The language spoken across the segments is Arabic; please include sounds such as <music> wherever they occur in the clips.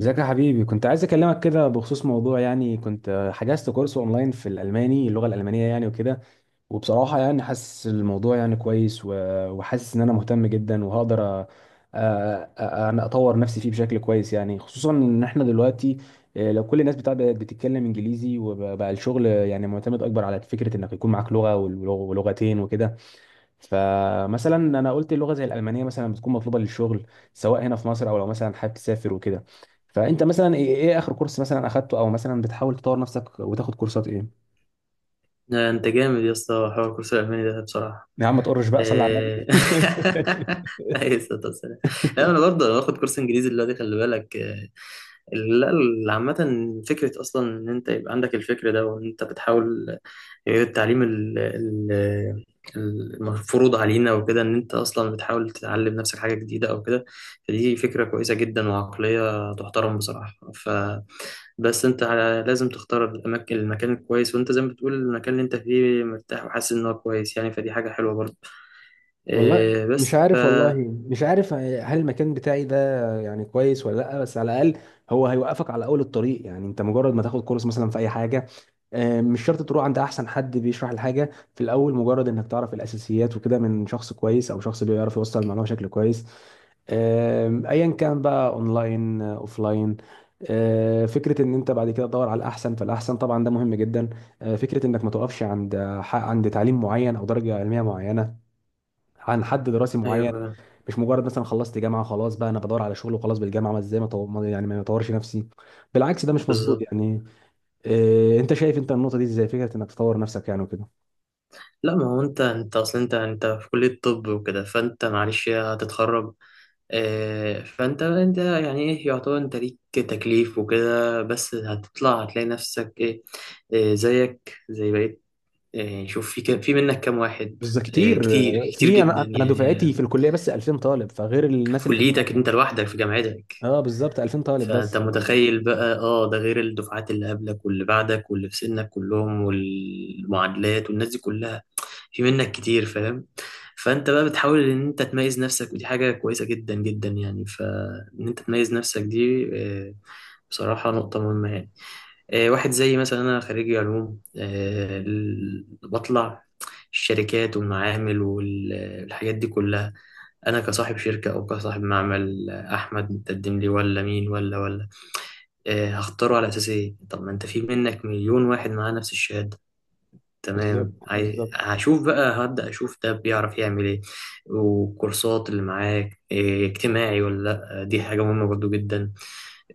ازيك يا حبيبي، كنت عايز اكلمك كده بخصوص موضوع. يعني كنت حجزت كورس اونلاين في الالماني، اللغه الالمانيه يعني وكده. وبصراحه يعني حاسس الموضوع يعني كويس، وحاسس ان انا مهتم جدا، وهقدر انا اطور نفسي فيه بشكل كويس يعني، خصوصا ان احنا دلوقتي لو كل الناس بتاع بقت بتتكلم انجليزي، وبقى الشغل يعني معتمد اكبر على فكره انك يكون معاك لغه ولغتين وكده. فمثلا انا قلت اللغه زي الالمانيه مثلا بتكون مطلوبه للشغل، سواء هنا في مصر او لو مثلا حابب تسافر وكده. فانت مثلا إيه اخر كورس مثلا اخدته؟ او مثلا بتحاول تطور نفسك وتاخد كورسات ايه؟ لا، انت جامد يا اسطى، حوار الكورس الالماني ده بصراحه. يا عم ما تقرش بقى، صلي على إيه. النبي. <laughs> اي صوت والسلام. <laughs> <laughs> لا انا برضه باخد كورس انجليزي دلوقتي، خلي بالك إيه. لا ال- عامه، فكره اصلا ان انت يبقى عندك الفكر ده، وان انت بتحاول غير التعليم المفروض علينا وكده، ان انت اصلا بتحاول تتعلم نفسك حاجه جديده او كده. فدي فكره كويسه جدا، وعقليه تحترم بصراحه. بس انت لازم تختار المكان الكويس، وانت زي ما بتقول المكان اللي انت فيه مرتاح وحاسس ان هو كويس يعني، فدي حاجه حلوه برضه. والله إيه مش بس عارف، والله مش عارف هل المكان بتاعي ده يعني كويس ولا لا، بس على الاقل هو هيوقفك على اول الطريق. يعني انت مجرد ما تاخد كورس مثلا في اي حاجه، مش شرط تروح عند احسن حد بيشرح الحاجه في الاول. مجرد انك تعرف الاساسيات وكده من شخص كويس او شخص بيعرف يوصل المعلومه بشكل كويس، ايا كان بقى اونلاين اوفلاين. فكره ان انت بعد كده تدور على الاحسن فالاحسن طبعا ده مهم جدا. فكره انك ما توقفش عند عند تعليم معين او درجه علميه معينه، عن حد دراسي معين. ايوه، مش مجرد مثلا خلصت جامعه خلاص، بقى انا بدور على شغل وخلاص بالجامعه. ما ازاي ما طو- ما- يعني ما اطورش نفسي؟ بالعكس ده مش مظبوط بالظبط. يعني. إيه انت شايف انت النقطه دي ازاي؟ فكره انك تطور نفسك يعني وكده. لا، ما هو انت، انت اصلا انت في كليه طب وكده، فانت معلش هتتخرج. إيه، فانت يعني ايه، يعتبر انت ليك تكليف وكده، بس هتطلع هتلاقي نفسك ايه، إيه زيك زي بقيت. إيه، شوف في منك كام واحد. بالظبط إيه كتير. كتير كتير في جدا انا يعني، دفعتي في الكليه بس 2000 طالب، فغير الناس في اللي في الجامعات كليتك يعني. انت لوحدك، في جامعتك. اه بالظبط 2000 طالب فانت بس. متخيل بقى، اه ده غير الدفعات اللي قبلك واللي بعدك واللي في سنك كلهم، والمعادلات والناس دي كلها. في منك كتير، فاهم. فانت بقى بتحاول ان انت تميز نفسك، ودي حاجة كويسة جدا جدا يعني. فان انت تميز نفسك دي، آه، بصراحة نقطة مهمة يعني. واحد زي مثلا أنا، خريجي علوم، بطلع الشركات والمعامل والحاجات دي كلها. أنا كصاحب شركة أو كصاحب معمل، أحمد متقدم لي ولا مين ولا هختاره على أساس إيه؟ طب ما أنت في منك مليون واحد معاه نفس الشهادة. بالظبط تمام، بالظبط. هشوف بقى، هبدأ أشوف ده بيعرف يعمل إيه، والكورسات اللي معاك إيه، اجتماعي ولا. لأ دي حاجة مهمة برضو جدا.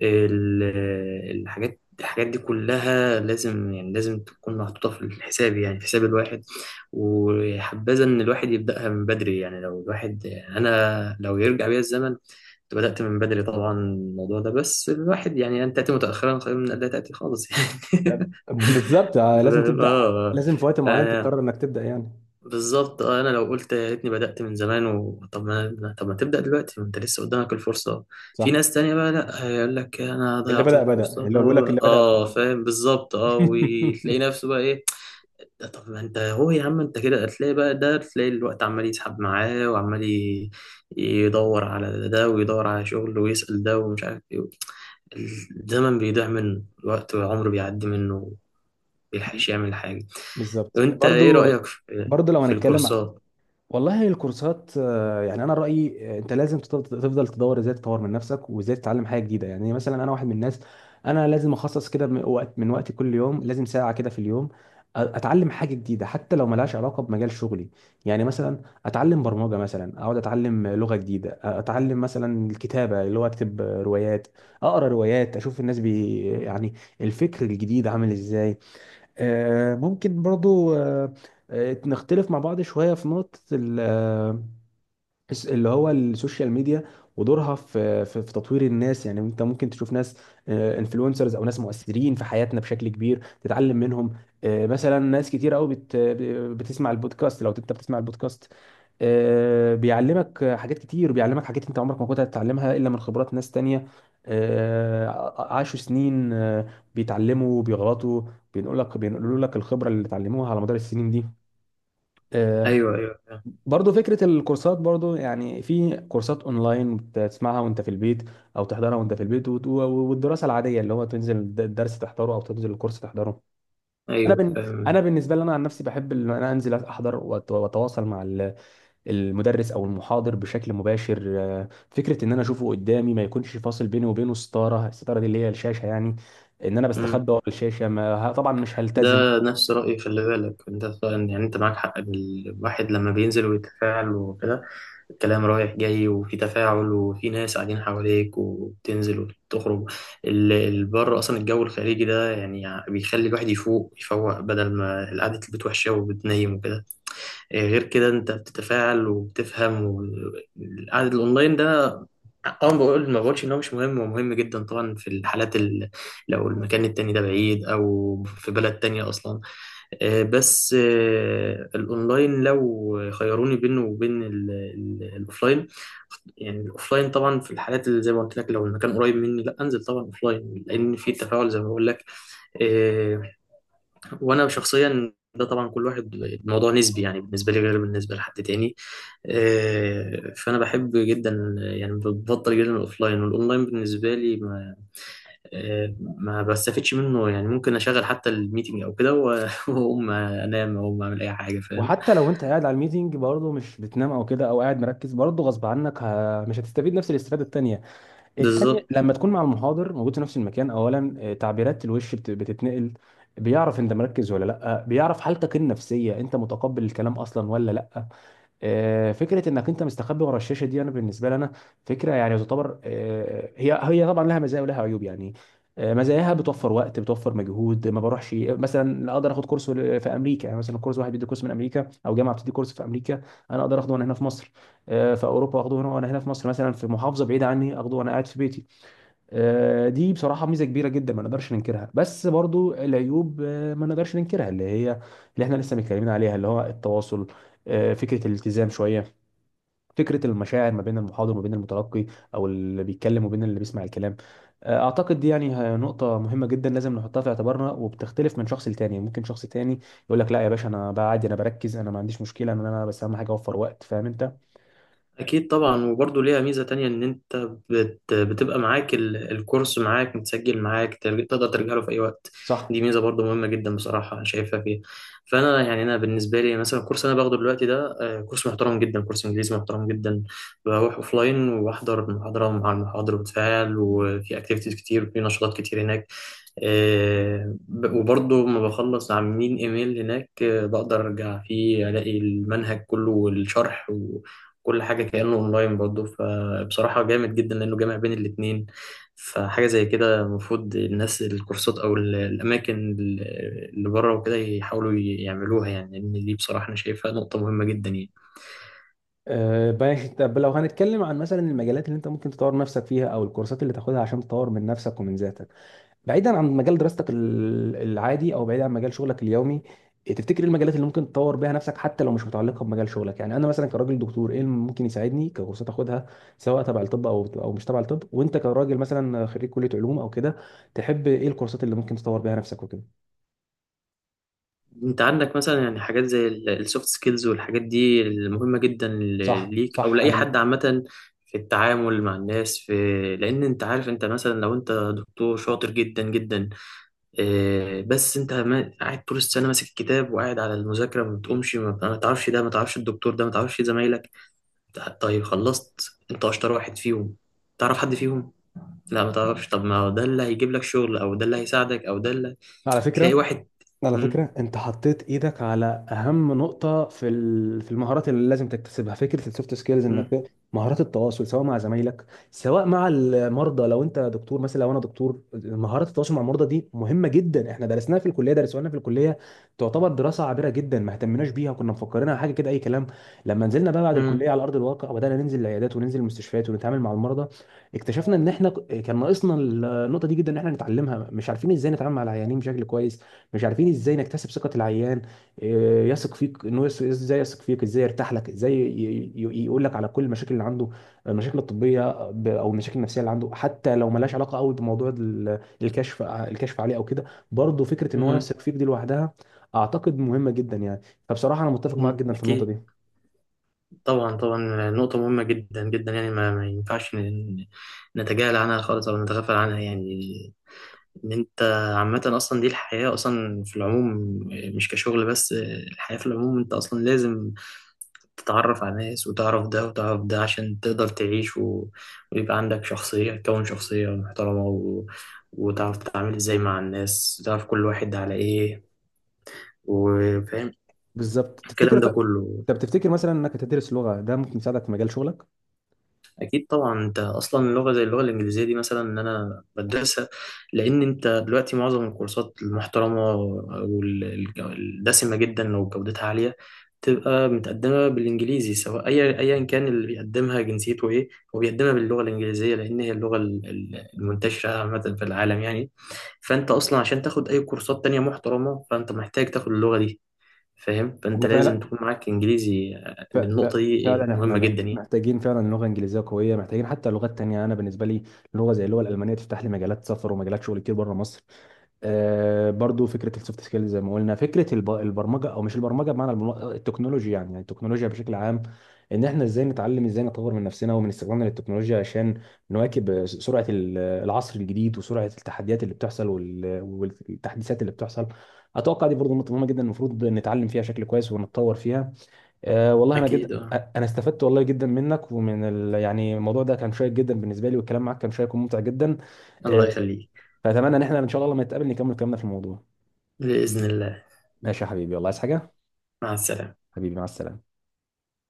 ال- الحاجات دي كلها لازم، يعني لازم تكون محطوطة في الحساب، يعني في حساب الواحد. وحبذا إن الواحد يبدأها من بدري يعني. لو الواحد، أنا لو يرجع بيا الزمن كنت بدأت من بدري طبعا الموضوع ده. بس الواحد يعني، أن تأتي متأخرا خير من أن لا تأتي خالص <laughs> يعني. <laughs> بالظبط. لازم ف- تبدا آه لازم في وقت معين آه، تقرر انك تبدا يعني. بالظبط. أنا لو قلت يا ريتني بدأت من زمان طب ما، تبدأ دلوقتي، ما أنت لسه قدامك الفرصة. في صح. ناس تانية بقى لأ هيقول لك أنا اللي ضيعت بدا الفرصة، بدا، اللي طب. بقول لك اللي بدا بدا. آه فاهم، بالظبط. آه، وتلاقي <laughs> نفسه بقى إيه. ده طب ما أنت هو يا عم، أنت كده هتلاقي بقى، ده تلاقي الوقت عمال يسحب معاه، يدور على ده ويدور على شغل، ويسأل ده ومش عارف ايه. الزمن بيضيع منه الوقت، والعمر بيعدي منه، مبيلحقش يعمل حاجة. بالظبط وانت ايه برضو. رأيك برضو لو في الكورسات؟ والله الكورسات، يعني انا رايي انت لازم تفضل تدور ازاي تطور من نفسك وازاي تتعلم حاجه جديده. يعني مثلا انا واحد من الناس، انا لازم اخصص كده من وقت، من وقتي كل يوم لازم ساعه كده في اليوم، اتعلم حاجه جديده حتى لو ملهاش علاقه بمجال شغلي. يعني مثلا اتعلم برمجه، مثلا اقعد اتعلم لغه جديده، اتعلم مثلا الكتابه اللي هو اكتب روايات، اقرا روايات، اشوف الناس بي يعني الفكر الجديد عامل ازاي. ممكن برضو نختلف مع بعض شوية في نقطة اللي هو السوشيال ميديا ودورها في في تطوير الناس. يعني انت ممكن تشوف ناس انفلونسرز او ناس مؤثرين في حياتنا بشكل كبير تتعلم منهم. مثلا ناس كتير قوي بتسمع البودكاست. لو انت بتسمع البودكاست، بيعلمك حاجات كتير، بيعلمك حاجات انت عمرك ما كنت هتتعلمها الا من خبرات ناس تانية عاشوا سنين، بيتعلموا بيغلطوا، بينقول لك بينقلوا لك الخبرة اللي اتعلموها على مدار السنين دي. آه، ايوه ايوه فاهم. برضو فكرة الكورسات. برضو يعني في كورسات اونلاين بتسمعها وانت في البيت او تحضرها وانت في البيت، والدراسة العادية اللي هو تنزل الدرس تحضره او تنزل الكورس تحضره. ايوه انا فاهم. بالنسبة لي انا عن نفسي بحب ان انا انزل احضر واتواصل مع المدرس او المحاضر بشكل مباشر. فكره ان انا اشوفه قدامي، ما يكونش فاصل بيني وبينه ستاره، الستاره دي اللي هي الشاشه يعني، ان انا مم. بستخبى ورا الشاشه. ما ه- طبعا مش ده هلتزم. نفس رأيي، خلي بالك. انت يعني انت معاك حق. الواحد لما بينزل ويتفاعل وكده، الكلام رايح جاي، وفي تفاعل، وفي ناس قاعدين حواليك، وبتنزل وبتخرج بره، اصلا الجو الخارجي ده يعني بيخلي الواحد يفوق يفوق، بدل ما قعدة البيت وحشة وبتنيم وكده. غير كده انت بتتفاعل وبتفهم العدد الاونلاين ده، اه بقول، ما بقولش ان هو مش مهم، هو مهم جدا طبعا، في الحالات لو المكان التاني ده بعيد، او في بلد تانية اصلا. آه، بس آه، الاونلاين، لو خيروني بينه وبين الاوفلاين، يعني الاوفلاين طبعا، في الحالات اللي زي ما قلت لك. لو المكان قريب مني، لا انزل طبعا اوفلاين، لان في تفاعل زي ما بقول لك. آه، وانا شخصيا، ده طبعا كل واحد الموضوع نسبي يعني، بالنسبه لي غير بالنسبه لحد تاني. فانا بحب جدا، يعني بفضل جدا الاوفلاين. والاونلاين بالنسبه لي ما، ما بستفدش منه يعني، ممكن اشغل حتى الميتنج او كده <laughs> واقوم انام او اعمل اي حاجه، فاهم. وحتى لو انت قاعد على الميتنج، برضه مش بتنام او كده او قاعد مركز، برضه غصب عنك مش هتستفيد نفس الاستفاده التانيه بالظبط. لما تكون مع المحاضر موجود في نفس المكان. اولا تعبيرات الوش بتتنقل، بيعرف انت مركز ولا لا، بيعرف حالتك النفسيه، انت متقبل الكلام اصلا ولا لا. فكره انك انت مستخبي ورا الشاشه دي، انا بالنسبه لي انا فكره، يعني تعتبر هي طبعا لها مزايا ولها عيوب يعني. مزاياها بتوفر وقت، بتوفر مجهود، ما بروحش، مثلا اقدر اخد كورس في امريكا يعني، مثلا كورس واحد بيدي كورس من امريكا، او جامعه بتدي كورس في امريكا، انا اقدر اخده وانا هنا في مصر. في اوروبا اخده هنا وانا هنا في مصر، مثلا في محافظه بعيده عني اخده وانا قاعد في بيتي. دي بصراحة ميزة كبيرة جدا ما نقدرش ننكرها، بس برضو العيوب ما نقدرش ننكرها، اللي هي اللي احنا لسه متكلمين عليها، اللي هو التواصل، فكرة الالتزام شوية، فكرة المشاعر ما بين المحاضر وما بين المتلقي، أو اللي بيتكلم وبين اللي بيسمع الكلام. أعتقد دي يعني نقطة مهمة جدا لازم نحطها في اعتبارنا، وبتختلف من شخص لتاني. ممكن شخص تاني يقول لك لا يا باشا، أنا بقى عادي، أنا بركز، أنا ما عنديش مشكلة، إن أنا بس أهم حاجة أوفر وقت. فاهم أنت؟ أكيد طبعا، وبرضه ليها ميزة تانية إن أنت بتبقى معاك الكورس، معاك متسجل معاك، تقدر ترجع له في أي وقت. صح. دي ميزة برضه مهمة جدا، بصراحة أنا شايفها فيها. فأنا يعني، أنا بالنسبة لي مثلا، الكورس أنا باخده دلوقتي ده، كورس محترم جدا، كورس إنجليزي محترم جدا. بروح أوفلاين، وبحضر المحاضرة، ومع المحاضر بتفاعل، وفي أكتيفيتيز كتير، وفي نشاطات كتير هناك. وبرضه لما بخلص عاملين ايميل هناك، بقدر ارجع فيه الاقي المنهج كله والشرح، كل حاجة كأنه اونلاين برضه. فبصراحة جامد جدا لأنه جامع بين الاتنين. فحاجة زي كده المفروض الناس، الكورسات أو الأماكن اللي بره وكده، يحاولوا يعملوها يعني، لأن دي بصراحة أنا شايفها نقطة مهمة جدا يعني. طب لو هنتكلم عن مثلا المجالات اللي انت ممكن تطور نفسك فيها، او الكورسات اللي تاخدها عشان تطور من نفسك ومن ذاتك، بعيدا عن مجال دراستك العادي، او بعيدا عن مجال شغلك اليومي. إيه تفتكر ايه المجالات اللي ممكن تطور بيها نفسك حتى لو مش متعلقه بمجال شغلك؟ يعني انا مثلا كراجل دكتور، ايه اللي ممكن يساعدني ككورسات اخدها سواء تبع الطب او مش تبع الطب؟ وانت كراجل مثلا خريج كليه علوم او كده، تحب ايه الكورسات اللي ممكن تطور بيها نفسك وكده؟ أنت عندك مثلا يعني حاجات زي السوفت سكيلز، والحاجات دي المهمة جدا صح ليك أو صح لأي انا، حد عامة، في التعامل مع الناس، في، لأن أنت عارف. أنت مثلا لو أنت دكتور شاطر جدا جدا، بس انت قاعد طول السنه ماسك الكتاب وقاعد على المذاكره، ما بتقومش، ما تعرفش ده، ما تعرفش الدكتور ده، ما تعرفش زمايلك. طيب خلصت، انت اشطر واحد فيهم، تعرف حد فيهم؟ لا ما تعرفش. طب ما هو ده اللي هيجيب لك شغل، او ده اللي هيساعدك، او ده اللي على تلاقي فكره، واحد. على مم، فكرة انت حطيت ايدك على اهم نقطة في في المهارات اللي لازم تكتسبها، فكرة السوفت سكيلز. مم، انك مهارات التواصل سواء مع زمايلك، سواء مع المرضى، لو انت دكتور مثلا. لو انا دكتور، مهارات التواصل مع المرضى دي مهمة جدا. احنا درسناها في الكلية، درسوها لنا في الكلية، تعتبر دراسة عابرة جدا، ما اهتمناش بيها، وكنا مفكرينها حاجة كده اي كلام. لما نزلنا بقى بعد مم، الكلية على ارض الواقع، وبدأنا ننزل العيادات وننزل المستشفيات ونتعامل مع المرضى، اكتشفنا ان احنا كان ناقصنا النقطة دي جدا، ان احنا نتعلمها. مش عارفين ازاي نتعامل مع العيانين بشكل كويس، مش عارفين ازاي نكتسب ثقة العيان. يثق فيك، ازاي يثق فيك، ازاي يرتاح لك، ازاي يقول لك على كل المشاكل اللي عنده، المشاكل الطبية او المشاكل النفسية اللي عنده حتى لو ملهاش علاقة قوي بموضوع الكشف، الكشف عليه او كده. برضه فكرة ان هو مم، يثق فيك دي لوحدها اعتقد مهمة جدا يعني. فبصراحة انا متفق معاك مم. جدا في النقطة اكيد. دي. طبعا طبعا، نقطه مهمه جدا جدا يعني. ما ينفعش نتجاهل عنها خالص، او نتغافل عنها يعني. ان انت، عامة اصلا دي الحياة اصلا في العموم، مش كشغل بس، الحياة في العموم انت اصلا لازم تتعرف على ناس، وتعرف ده وتعرف ده عشان تقدر تعيش، ويبقى عندك شخصية، تكون شخصية محترمة، وتعرف تتعامل ازاي مع الناس، تعرف كل واحد على ايه، وفاهم بالظبط. تفتكر، الكلام ده كله. طب تفتكر مثلا انك هتدرس لغة ده ممكن يساعدك في مجال شغلك؟ اكيد طبعا. انت اصلا لغه زي اللغه الانجليزيه دي مثلا ان انا بدرسها، لان انت دلوقتي معظم الكورسات المحترمه والدسمه جدا، لو جودتها عاليه تبقى متقدمه بالانجليزي، سواء اي ايا كان اللي بيقدمها جنسيته ايه، هو بيقدمها باللغه الانجليزيه، لان هي اللغه المنتشره عامه في العالم يعني. فانت اصلا عشان تاخد اي كورسات تانية محترمه، فانت محتاج تاخد اللغه دي، فاهم. فانت انا لازم فعلا، تكون معاك انجليزي. النقطه دي فعلا مهمه احنا جدا يعني. محتاجين فعلا لغه انجليزيه قويه، محتاجين حتى لغات تانية. انا بالنسبه لي، لغه زي اللغه الالمانيه تفتح لي مجالات سفر ومجالات شغل كتير بره مصر. آه برضو فكره السوفت سكيلز زي ما قلنا، فكره البرمجه، او مش البرمجه بمعنى التكنولوجيا يعني، يعني التكنولوجيا بشكل عام، ان احنا ازاي نتعلم، ازاي نطور من نفسنا ومن استخدامنا للتكنولوجيا، عشان نواكب سرعه العصر الجديد، وسرعه التحديات اللي بتحصل والتحديثات اللي بتحصل. اتوقع دي برضو نقطه مهمه جدا المفروض نتعلم فيها بشكل كويس ونتطور فيها. أه والله انا جد اكيد اه، انا استفدت والله جدا منك ومن يعني الموضوع ده كان شيق جدا بالنسبه لي، والكلام معاك كان شيق وممتع جدا. الله أه يخليك. فاتمنى ان احنا ان شاء الله لما نتقابل نكمل كلامنا في الموضوع. بإذن الله. ماشي يا حبيبي. والله عايز حاجه؟ مع السلامة. حبيبي مع السلامه.